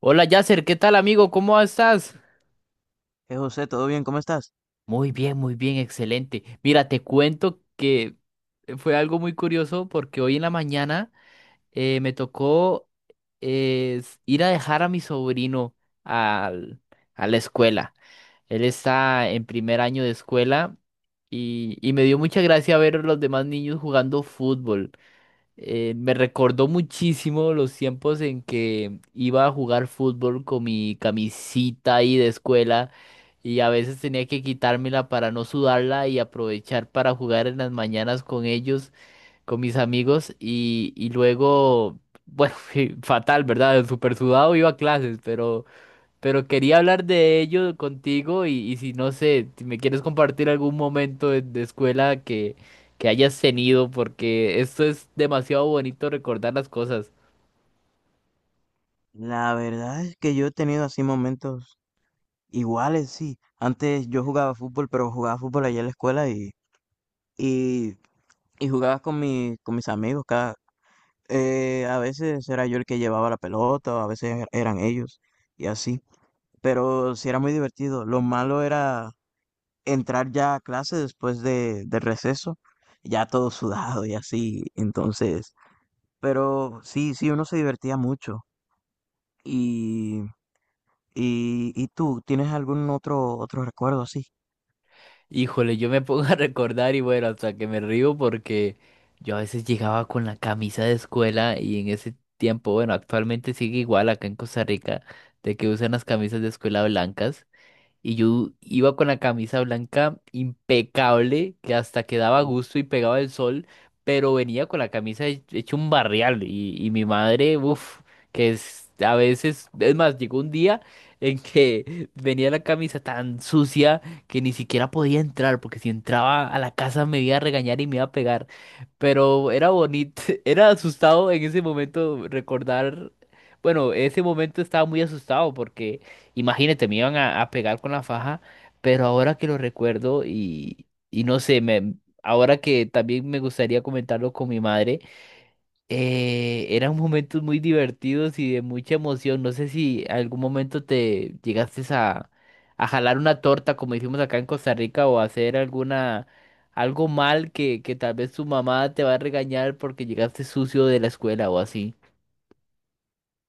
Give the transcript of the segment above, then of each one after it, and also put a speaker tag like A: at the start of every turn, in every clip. A: Hola Yasser, ¿qué tal amigo? ¿Cómo estás?
B: José, ¿todo bien? ¿Cómo estás?
A: Muy bien, excelente. Mira, te cuento que fue algo muy curioso porque hoy en la mañana me tocó ir a dejar a mi sobrino al- a la escuela. Él está en primer año de escuela y me dio mucha gracia ver a los demás niños jugando fútbol. Me recordó muchísimo los tiempos en que iba a jugar fútbol con mi camisita ahí de escuela y a veces tenía que quitármela para no sudarla y aprovechar para jugar en las mañanas con ellos, con mis amigos y luego, bueno, fatal, ¿verdad? Súper sudado iba a clases. Pero quería hablar de ello contigo y si no sé, si me quieres compartir algún momento de escuela que hayas tenido, porque esto es demasiado bonito recordar las cosas.
B: La verdad es que yo he tenido así momentos iguales, sí. Antes yo jugaba fútbol, pero jugaba fútbol allá en la escuela y, y jugaba con mis amigos. A veces era yo el que llevaba la pelota, o a veces eran ellos y así. Pero sí era muy divertido. Lo malo era entrar ya a clase después del receso, ya todo sudado y así. Entonces, pero sí, sí, uno se divertía mucho. Y tú, ¿tienes algún otro recuerdo así?
A: Híjole, yo me pongo a recordar y bueno, hasta que me río porque yo a veces llegaba con la camisa de escuela y en ese tiempo, bueno, actualmente sigue igual acá en Costa Rica, de que usan las camisas de escuela blancas. Y yo iba con la camisa blanca impecable, que hasta quedaba a gusto y pegaba el sol, pero venía con la camisa hecha un barrial. Y mi madre, uff, que es a veces, es más, llegó un día en que venía la camisa tan sucia que ni siquiera podía entrar, porque si entraba a la casa me iba a regañar y me iba a pegar. Pero era bonito, era asustado en ese momento recordar, bueno, ese momento estaba muy asustado porque. Imagínate, me iban a pegar con la faja, pero ahora que lo recuerdo y no sé, ahora que también me gustaría comentarlo con mi madre, eran momentos muy divertidos y de mucha emoción. No sé si algún momento te llegaste a jalar una torta, como hicimos acá en Costa Rica, o hacer algo mal que tal vez tu mamá te va a regañar porque llegaste sucio de la escuela o así.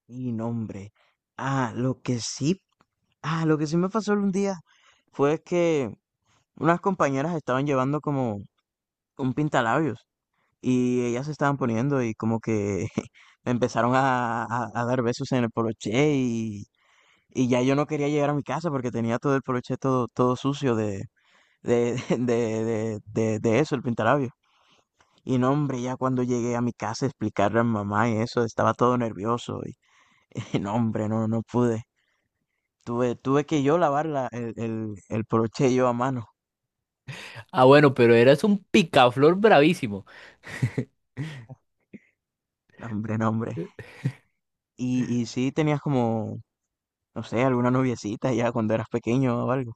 B: Y nombre. Ah, lo que sí, ah, lo que sí me pasó un día fue que unas compañeras estaban llevando como un pintalabios y ellas se estaban poniendo y como que me empezaron a dar besos en el poloché y ya yo no quería llegar a mi casa porque tenía todo el poloché todo sucio de eso, el pintalabio. Y no, hombre, ya cuando llegué a mi casa a explicarle a mi mamá y eso, estaba todo nervioso. Y y no, hombre, no, no pude. Tuve que yo lavar el broche yo a mano.
A: Ah, bueno, pero eras un picaflor bravísimo.
B: No, hombre, no, hombre. Y sí tenías como, no sé, alguna noviecita ya cuando eras pequeño o algo.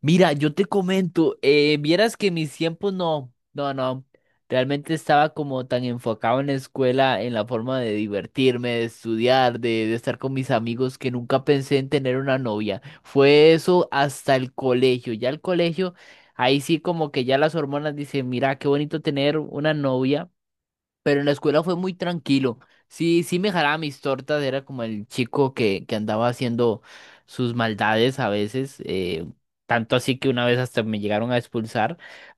A: Mira, yo te comento, vieras que mis tiempos no, no, no, realmente estaba como tan enfocado en la escuela, en la forma de divertirme, de estudiar, de estar con mis amigos, que nunca pensé en tener una novia. Fue eso hasta el colegio, ya el colegio, ahí sí como que ya las hormonas dicen, mira, qué bonito tener una novia. Pero en la escuela fue muy tranquilo. Sí, sí me jalaba mis tortas, era como el chico que andaba haciendo sus maldades a veces, tanto así que una vez hasta me llegaron a expulsar,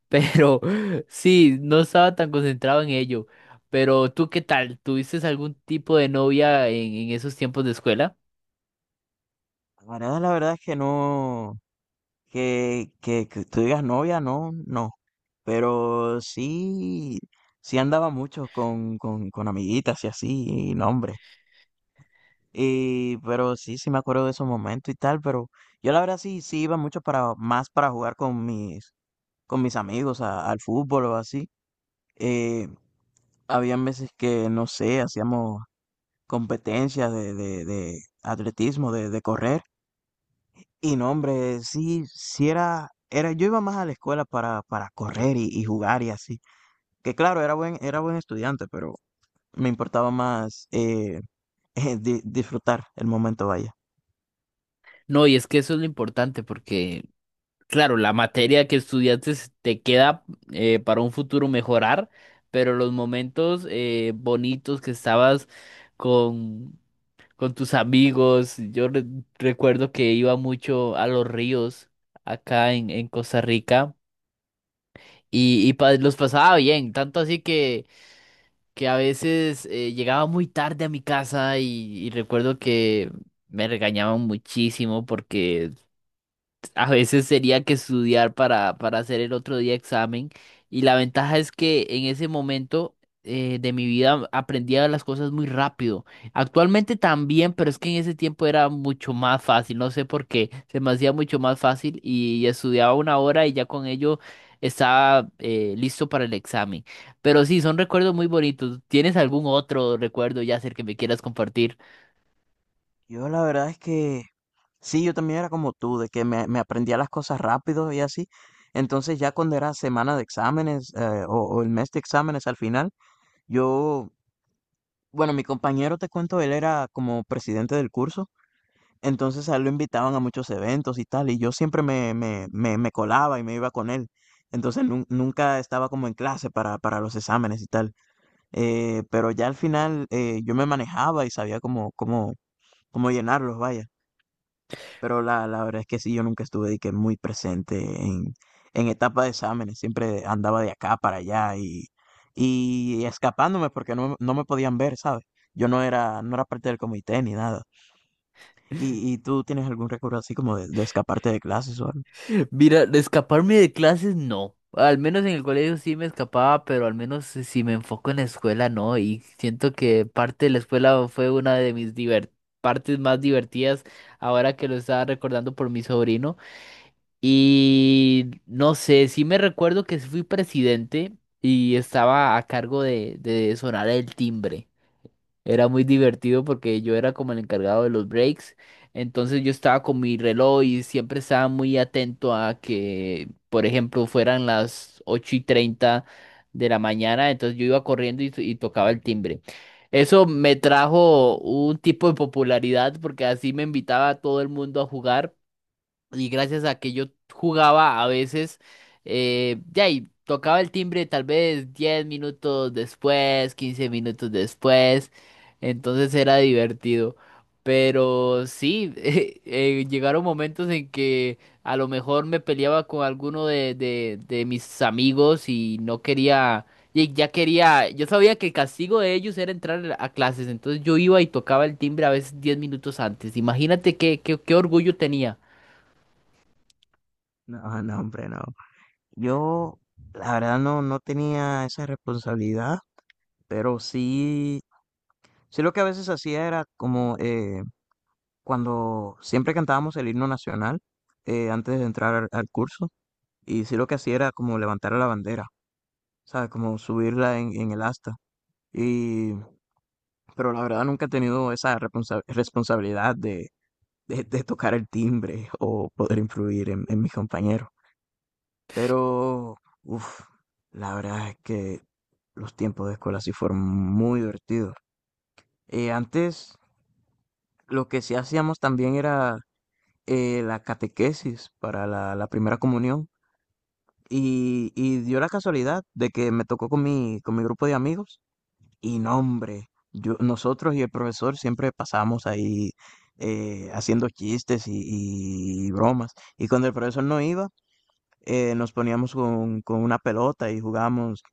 A: pero sí, no estaba tan concentrado en ello. Pero tú, ¿qué tal? ¿Tuviste algún tipo de novia en esos tiempos de escuela?
B: La verdad es que no, que tú digas novia, no, no. Pero sí, sí andaba mucho con amiguitas y así, y no, hombre. Y pero sí, sí me acuerdo de esos momentos y tal, pero yo la verdad sí, sí iba mucho más para jugar con con mis amigos al fútbol o así. Eh, Habían veces que, no sé, hacíamos competencias de atletismo, de correr. Y no, hombre, sí, sí era, yo iba más a la escuela para correr y jugar y así. Que claro, era buen estudiante, pero me importaba más disfrutar el momento, vaya.
A: No, y es que eso es lo importante, porque claro, la materia que estudiaste te queda para un futuro mejorar, pero los momentos bonitos que estabas con, tus amigos, yo recuerdo que iba mucho a los ríos acá en Costa Rica y los pasaba bien, tanto así que, a veces llegaba muy tarde a mi casa y recuerdo que me regañaban muchísimo porque a veces sería que estudiar para hacer el otro día examen y la ventaja es que en ese momento de mi vida aprendía las cosas muy rápido. Actualmente también, pero es que en ese tiempo era mucho más fácil, no sé por qué, se me hacía mucho más fácil y estudiaba una hora y ya con ello estaba listo para el examen. Pero sí, son recuerdos muy bonitos. ¿Tienes algún otro recuerdo, Yasser, que me quieras compartir?
B: Yo la verdad es que sí, yo también era como tú, de que me aprendía las cosas rápido y así. Entonces ya cuando era semana de exámenes o el mes de exámenes al final, yo, bueno, mi compañero, te cuento, él era como presidente del curso, entonces a él lo invitaban a muchos eventos y tal, y yo siempre me colaba y me iba con él. Entonces nunca estaba como en clase para los exámenes y tal. Pero ya al final, yo me manejaba y sabía cómo llenarlos, vaya. Pero la verdad es que sí, yo nunca estuve de que muy presente en etapa de exámenes. Siempre andaba de acá para allá y escapándome porque no, no me podían ver, ¿sabes? Yo no era, no era parte del comité ni nada. Y tú tienes algún recuerdo así como de escaparte de clases o algo?
A: Mira, de escaparme de clases no. Al menos en el colegio sí me escapaba, pero al menos si si me enfoco en la escuela no. Y siento que parte de la escuela fue una de mis partes más divertidas ahora que lo estaba recordando por mi sobrino. Y no sé, sí me recuerdo que sí fui presidente y estaba a cargo de sonar el timbre. Era muy divertido porque yo era como el encargado de los breaks. Entonces yo estaba con mi reloj y siempre estaba muy atento a que, por ejemplo, fueran las 8:30 de la mañana. Entonces yo iba corriendo y tocaba el timbre. Eso me trajo un tipo de popularidad porque así me invitaba a todo el mundo a jugar. Y gracias a que yo jugaba a veces, ya y tocaba el timbre tal vez 10 minutos después, 15 minutos después, entonces era divertido. Pero sí, llegaron momentos en que a lo mejor me peleaba con alguno de mis amigos y no quería, y ya quería, yo sabía que el castigo de ellos era entrar a clases, entonces yo iba y tocaba el timbre a veces 10 minutos antes. Imagínate qué orgullo tenía.
B: No, no, hombre, no. Yo, la verdad, no, no tenía esa responsabilidad, pero sí, sí lo que a veces hacía era como, cuando siempre cantábamos el himno nacional antes de entrar al curso, y sí lo que hacía era como levantar la bandera, ¿sabes? Como subirla en el asta. Y pero la verdad nunca he tenido esa responsabilidad de tocar el timbre o poder influir en mis compañeros. Pero, uff, la verdad es que los tiempos de escuela sí fueron muy divertidos. Antes lo que sí hacíamos también era la catequesis para la primera comunión y dio la casualidad de que me tocó con con mi grupo de amigos y no, hombre, yo, nosotros y el profesor siempre pasamos ahí haciendo chistes y bromas y cuando el profesor no iba, nos poníamos con una pelota y jugábamos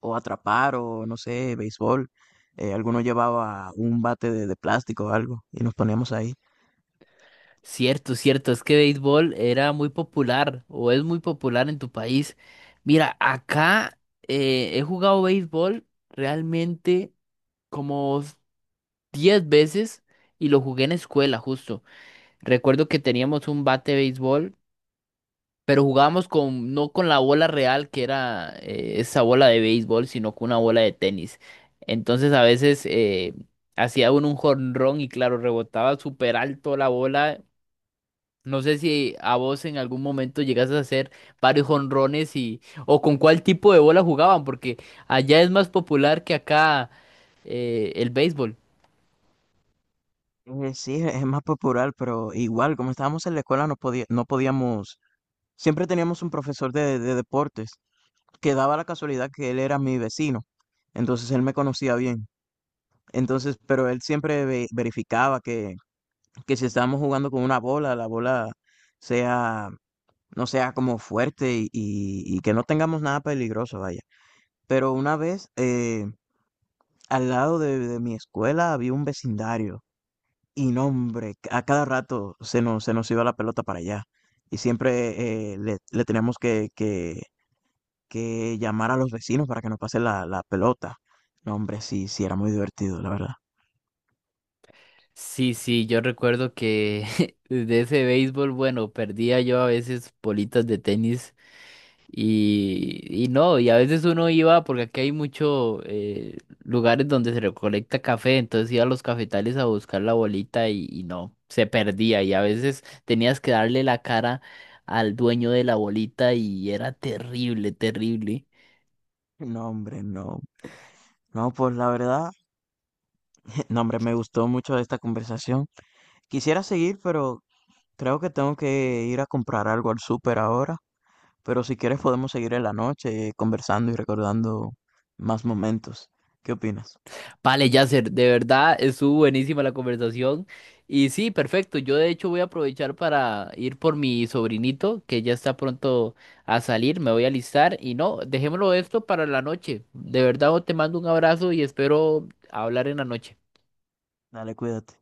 B: o atrapar o no sé, béisbol. Alguno llevaba un bate de plástico o algo y nos poníamos ahí.
A: Cierto, cierto, es que béisbol era muy popular o es muy popular en tu país. Mira, acá he jugado béisbol realmente como 10 veces y lo jugué en escuela justo. Recuerdo que teníamos un bate de béisbol, pero jugábamos con, no con la bola real que era esa bola de béisbol, sino con una bola de tenis. Entonces a veces hacía uno un jonrón y claro, rebotaba súper alto la bola. No sé si a vos en algún momento llegaste a hacer varios jonrones o con cuál tipo de bola jugaban, porque allá es más popular que acá, el béisbol.
B: Sí, es más popular, pero igual, como estábamos en la escuela, no podía, no podíamos, siempre teníamos un profesor de deportes que daba la casualidad que él era mi vecino, entonces él me conocía bien. Entonces, pero él siempre verificaba que si estábamos jugando con una bola, la bola sea, no sea como fuerte y, y que no tengamos nada peligroso, vaya. Pero una vez, al lado de mi escuela había un vecindario y no, hombre, a cada rato se nos iba la pelota para allá y siempre le, le teníamos que llamar a los vecinos para que nos pase la, la pelota. No, hombre, sí, sí, era muy divertido, la verdad.
A: Sí, sí, yo recuerdo que de ese béisbol, bueno, perdía yo a veces bolitas de tenis. Y no, y a veces uno iba, porque aquí hay muchos lugares donde se recolecta café, entonces iba a los cafetales a buscar la bolita y no, se perdía. Y a veces tenías que darle la cara al dueño de la bolita y era terrible, terrible.
B: No, hombre, no. No, pues la verdad, no, hombre, me gustó mucho esta conversación. Quisiera seguir, pero creo que tengo que ir a comprar algo al súper ahora. Pero si quieres podemos seguir en la noche, conversando y recordando más momentos. ¿Qué opinas?
A: Vale, Yasser, de verdad estuvo buenísima la conversación. Y sí, perfecto. Yo de hecho voy a aprovechar para ir por mi sobrinito, que ya está pronto a salir. Me voy a alistar. Y no, dejémoslo esto para la noche. De verdad, te mando un abrazo y espero hablar en la noche.
B: Dale, cuídate.